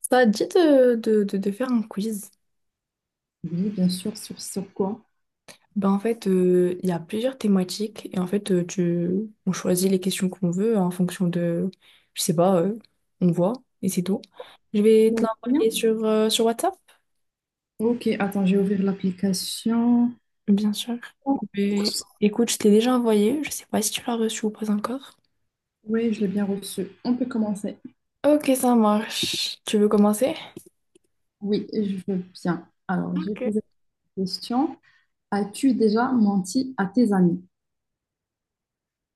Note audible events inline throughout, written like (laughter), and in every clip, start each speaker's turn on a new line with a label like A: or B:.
A: Ça te dit de faire un quiz?
B: Oui, bien sûr, sur, sur quoi?
A: Il y a plusieurs thématiques et on choisit les questions qu'on veut en fonction de, je sais pas, on voit et c'est tout. Je vais te
B: Non, rien.
A: l'envoyer sur WhatsApp,
B: Ok, attends, je vais ouvrir l'application.
A: bien sûr.
B: Oh,
A: Mais écoute, je t'ai déjà envoyé, je sais pas si tu l'as reçu ou pas encore.
B: oui, je l'ai bien reçu. On peut commencer.
A: Ok, ça marche. Tu veux commencer?
B: Oui, je veux bien. Alors, je vais
A: Ok.
B: poser la question. As-tu déjà menti à tes amis?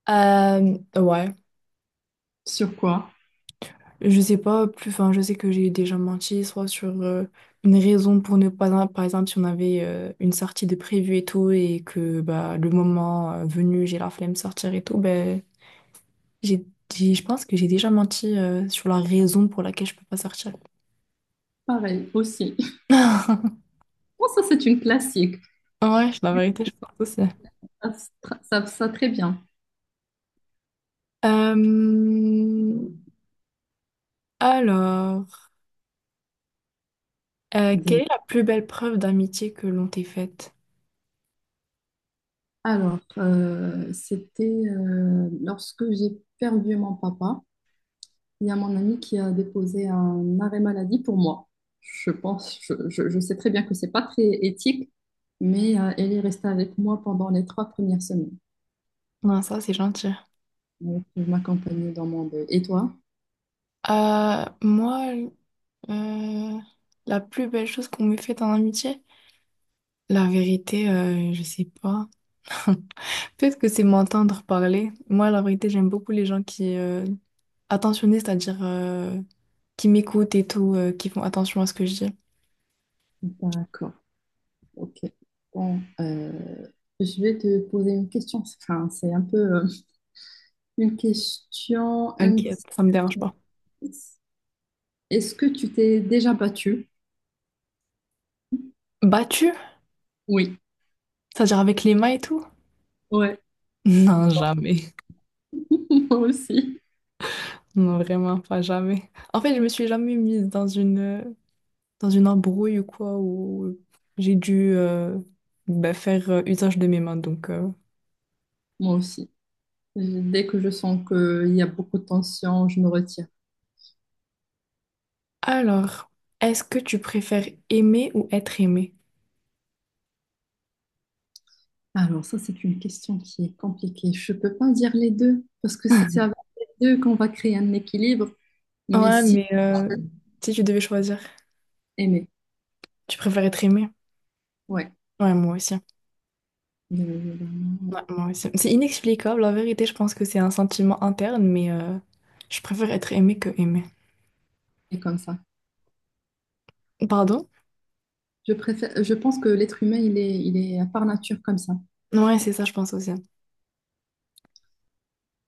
A: Ouais.
B: Sur quoi?
A: Je sais pas, plus, enfin, je sais que j'ai déjà menti, soit sur une raison pour ne pas, par exemple, si on avait une sortie de prévue et tout, et que bah, le moment venu, j'ai la flemme de sortir et tout, ben, j'ai, je pense que j'ai déjà menti sur la raison pour laquelle je peux pas sortir.
B: Pareil, aussi. (laughs)
A: (laughs)
B: Bon, ça, c'est une classique.
A: Ouais, la vérité, je pense aussi.
B: Ça, ça, très bien.
A: Euh, alors, Quelle
B: Des-
A: est la plus belle preuve d'amitié que l'on t'ait faite?
B: Alors, c'était lorsque j'ai perdu mon papa. Il y a mon ami qui a déposé un arrêt maladie pour moi. Je pense, je sais très bien que c'est pas très éthique, mais elle est restée avec moi pendant les 3 premières semaines.
A: Non, ça, c'est gentil.
B: Donc, elle m'accompagnait dans mon deuil. Et toi?
A: Euh, moi, Euh, la plus belle chose qu'on m'ait faite en amitié? La vérité, je sais pas. (laughs) Peut-être que c'est m'entendre parler. Moi, la vérité, j'aime beaucoup les gens qui attentionnés, c'est-à-dire qui m'écoutent et tout, qui font attention à ce que je dis.
B: D'accord. Ok. Bon, je vais te poser une question. Enfin, c'est un peu une question
A: T'inquiète,
B: indice.
A: ça me dérange pas.
B: Est-ce que tu t'es déjà battue?
A: Battu?
B: Oui.
A: C'est-à-dire avec les mains et tout? (laughs)
B: Ouais.
A: Non, jamais.
B: (laughs) Moi aussi.
A: Non, vraiment pas jamais. En fait, je me suis jamais mise dans une embrouille ou quoi, où j'ai dû bah, faire usage de mes mains, donc...
B: Moi aussi. Dès que je sens qu'il y a beaucoup de tension, je me retire.
A: Alors, est-ce que tu préfères aimer ou être aimé?
B: Alors ça, c'est une question qui est compliquée. Je ne peux pas dire les deux, parce que c'est
A: (laughs)
B: avec les deux qu'on va créer un équilibre, mais
A: Ouais,
B: si
A: mais euh, si tu devais choisir,
B: aimer.
A: tu préfères être aimé?
B: Ouais,
A: Ouais, moi aussi.
B: bien évidemment, ouais.
A: Ouais, moi aussi. C'est inexplicable, la vérité, je pense que c'est un sentiment interne, mais je préfère être aimé que aimé.
B: C'est comme ça.
A: Pardon?
B: Je préfère, je pense que l'être humain, il est par nature comme ça.
A: Ouais, c'est ça, je pense aussi.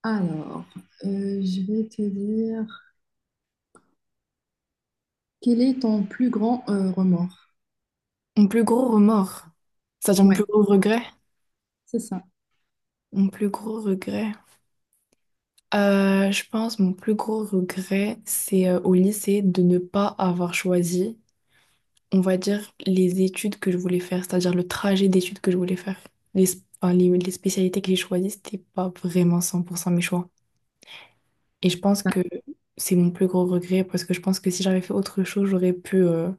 B: Alors, je vais te dire, quel est ton plus grand remords?
A: Mon plus gros remords, c'est-à-dire mon plus
B: Ouais,
A: gros regret?
B: c'est ça.
A: Mon plus gros regret. Je pense mon plus gros regret, c'est au lycée de ne pas avoir choisi. On va dire, les études que je voulais faire, c'est-à-dire le trajet d'études que je voulais faire. Les, sp- enfin, les spécialités que j'ai choisies, c'était pas vraiment 100% mes choix. Et je pense
B: Ah,
A: que c'est mon plus gros regret parce que je pense que si j'avais fait autre chose, j'aurais pu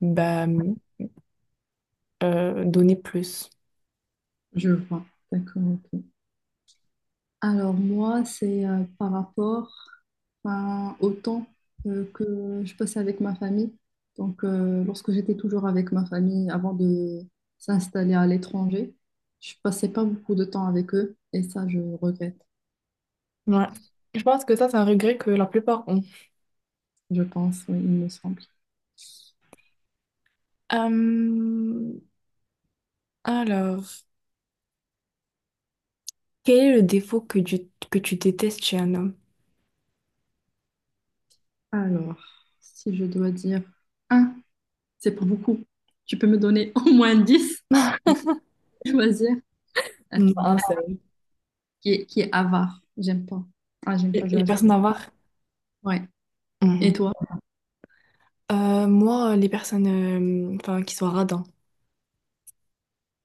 A: bah, donner plus.
B: je vois. D'accord, ok. Alors moi, c'est par rapport ben, au temps que je passais avec ma famille. Donc lorsque j'étais toujours avec ma famille avant de s'installer à l'étranger, je passais pas beaucoup de temps avec eux et ça, je regrette,
A: Ouais. Je pense que ça, c'est un regret que la plupart ont.
B: je pense, oui, il me semble.
A: Euh, alors, Quel est le défaut que tu détestes chez un homme?
B: Alors, si je dois dire un, c'est pas beaucoup. Tu peux me donner (laughs) au moins 10. Mais je choisir euh,
A: (laughs) Un seul.
B: qui est avare. J'aime pas. Ah, j'aime pas,
A: Les
B: j'arrive
A: personnes
B: pas.
A: avares.
B: Ouais. Et toi,
A: Moi, les personnes qui sont radins.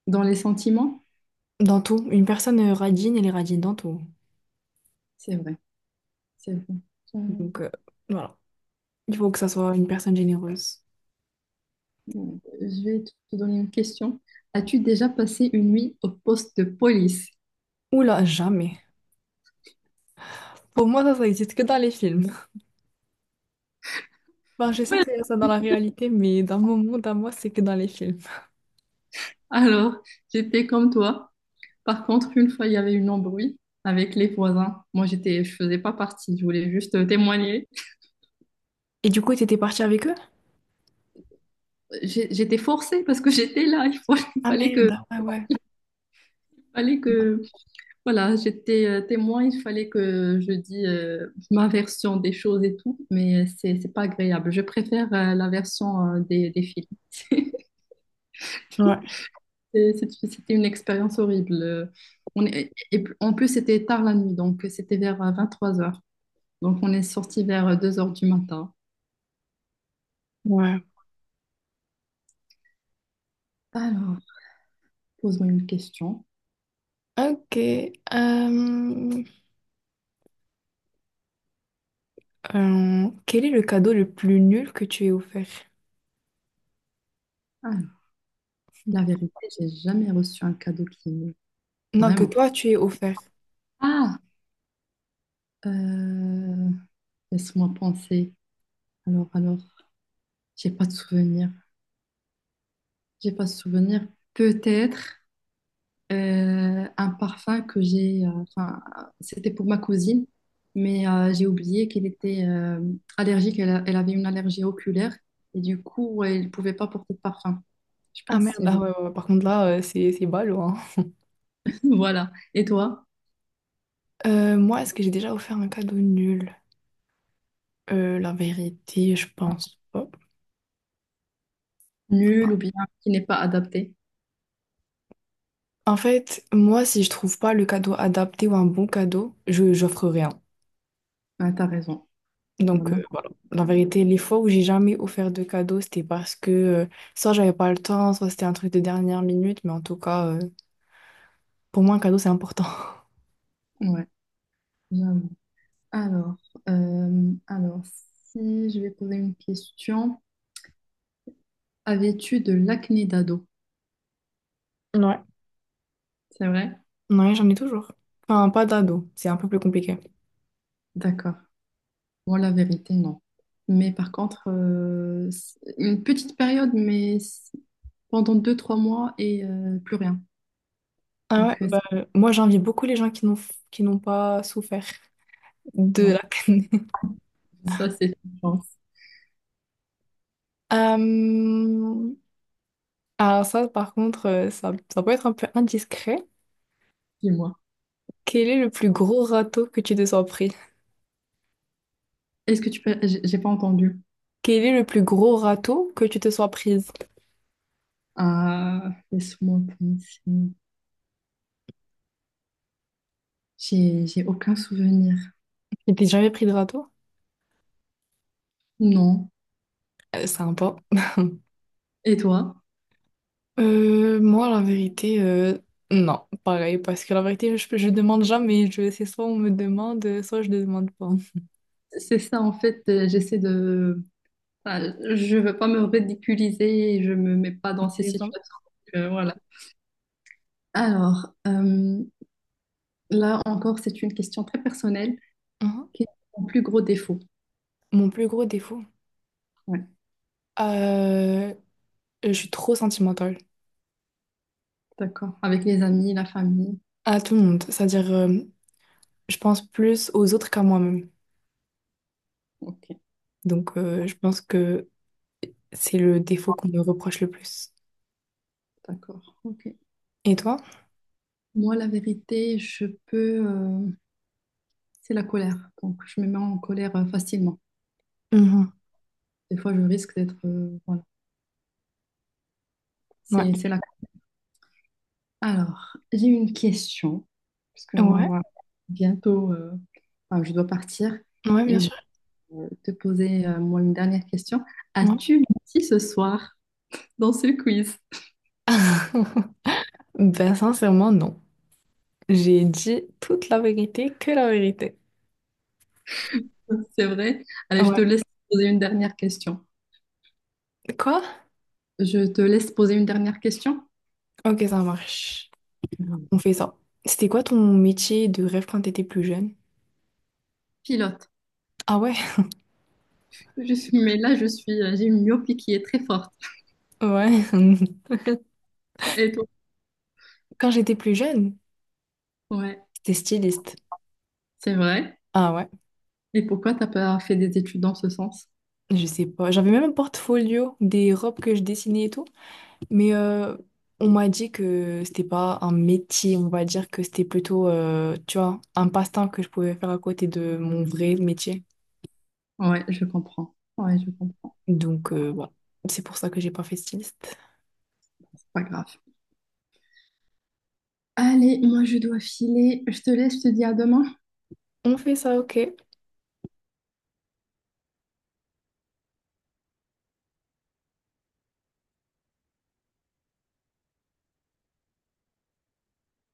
B: dans les sentiments?
A: Dans tout, une personne radine, elle est radine dans tout.
B: C'est vrai. C'est bon.
A: Donc, voilà. Il faut que ça soit une personne généreuse.
B: Je vais te donner une question. As-tu déjà passé une nuit au poste de police?
A: Oula, jamais. Pour moi, ça existe que dans les films. (laughs) Enfin, je sais que c'est ça dans la réalité, mais dans mon monde, à moi, c'est que dans les films.
B: Alors, j'étais comme toi. Par contre, une fois, il y avait une embrouille avec les voisins. Moi, je faisais pas partie. Je voulais juste témoigner.
A: Et du coup, t'étais partie avec eux?
B: J'étais forcée parce que (laughs) j'étais là. (laughs)
A: Ah merde, ah ouais,
B: Il fallait
A: ouais.
B: que, voilà, j'étais témoin. Il fallait que je dise ma version des choses et tout. Mais c'est pas agréable. Je préfère la version des films. (laughs)
A: Ouais,
B: C'était une expérience horrible. En plus, c'était tard la nuit, donc c'était vers 23 heures. Donc, on est sorti vers 2 heures du matin.
A: ouais.
B: Alors, pose-moi une question.
A: Ok. euh, Quel est le cadeau le plus nul que tu aies offert?
B: Alors, la vérité, j'ai jamais reçu un cadeau qui me...
A: Non, que
B: Vraiment.
A: toi, tu aies offert.
B: Ah! Euh, laisse-moi penser. Alors, j'ai pas de souvenir. J'ai pas de souvenir. Peut-être. Euh, un parfum que enfin, c'était pour ma cousine, mais j'ai oublié qu'elle était allergique, elle avait une allergie oculaire, et du coup, ouais, elle ne pouvait pas porter de parfum. Je
A: Ah
B: pense que
A: merde,
B: c'est
A: ah
B: le...
A: ouais, ouais, ouais. Par contre là, c'est ballot, hein.
B: (laughs) Voilà. Et toi?
A: Moi, est-ce que j'ai déjà offert un cadeau nul? La vérité, je pense pas.
B: Nul ou bien qui n'est pas adapté?
A: En fait, moi, si je trouve pas le cadeau adapté ou un bon cadeau, je j'offre rien.
B: Ah, t'as raison,
A: Donc
B: vraiment.
A: voilà. La vérité, les fois où j'ai jamais offert de cadeau, c'était parce que soit j'avais pas le temps, soit c'était un truc de dernière minute, mais en tout cas, pour moi, un cadeau, c'est important.
B: Ouais, j'avoue. Alors, euh, alors, si je vais poser une question, avais-tu de l'acné d'ado?
A: Ouais.
B: C'est vrai?
A: Ouais, j'en ai toujours. Enfin, pas d'ado, c'est un peu plus compliqué.
B: D'accord. Moi, la vérité, non. Mais par contre, c'est une petite période, mais c'est pendant 2, 3 mois et plus rien.
A: Ah
B: Donc,
A: ouais, moi j'envie beaucoup les gens qui n'ont pas souffert de
B: ouais.
A: la canne. (laughs)
B: Ça, c'est une chance.
A: Euh, alors ça, par contre, ça, ça peut être un peu indiscret.
B: Dis-moi.
A: Quel est le plus gros râteau que tu te sois pris?
B: Est-ce que tu peux... j'ai pas entendu.
A: Quel est le plus gros râteau que tu te sois prise?
B: Ah, laisse-moi penser. J'ai aucun souvenir.
A: Tu t'es jamais pris de râteau?
B: Non.
A: Sympa.
B: Et toi?
A: Moi, la vérité, non, pareil, parce que la vérité, je demande jamais. Je, c'est soit on me demande, soit je ne demande pas.
B: C'est ça, en fait, j'essaie de... voilà, je veux pas me ridiculiser et je me mets pas dans
A: (laughs)
B: ces
A: C'est ça.
B: situations. Donc, voilà. Alors, là encore, c'est une question très personnelle.
A: Mhm.
B: Quel est ton plus gros défaut?
A: Mon plus gros défaut,
B: Ouais,
A: euh, je suis trop sentimentale.
B: d'accord. Avec les amis, la famille.
A: À tout le monde. C'est-à-dire, je pense plus aux autres qu'à moi-même.
B: Ok,
A: Donc, je pense que c'est le défaut qu'on me reproche le plus.
B: d'accord. Ok.
A: Et toi?
B: Moi, la vérité, je peux. Euh, c'est la colère. Donc, je me mets en colère facilement.
A: Mhm.
B: Des fois, je risque d'être. Euh, voilà.
A: Ouais.
B: C'est la. Alors, j'ai une question. Parce qu'on
A: Ouais.
B: va bientôt. Euh, enfin, je dois partir.
A: Ouais, bien
B: Et je
A: sûr.
B: vais te poser, moi, une dernière question.
A: Ouais.
B: As-tu menti ce soir dans ce quiz?
A: (laughs) Ben, sincèrement, non. J'ai dit toute la vérité, que la vérité.
B: (laughs) C'est vrai. Allez, je
A: Ouais.
B: te laisse poser une dernière question.
A: Quoi?
B: Je te laisse poser une dernière question.
A: Ok, ça marche.
B: Mhm.
A: On fait ça. C'était quoi ton métier de rêve quand t'étais plus jeune?
B: Pilote.
A: Ah ouais?
B: Je suis, j'ai une myopie qui est très forte.
A: Ouais. (laughs)
B: (laughs) Et toi?
A: Quand j'étais plus jeune,
B: Ouais,
A: c'était styliste.
B: c'est vrai.
A: Ah ouais?
B: Et pourquoi t'as pas fait des études dans ce sens?
A: Je sais pas. J'avais même un portfolio des robes que je dessinais et tout. Mais on m'a dit que c'était pas un métier, on va dire que c'était plutôt, tu vois, un passe-temps que je pouvais faire à côté de mon vrai métier.
B: Ouais, je comprends. Ouais, je comprends.
A: Donc voilà, c'est pour ça que j'ai pas fait styliste.
B: C'est pas grave. Allez, moi, je dois filer. Je te laisse, je te dis à demain.
A: On fait ça, ok.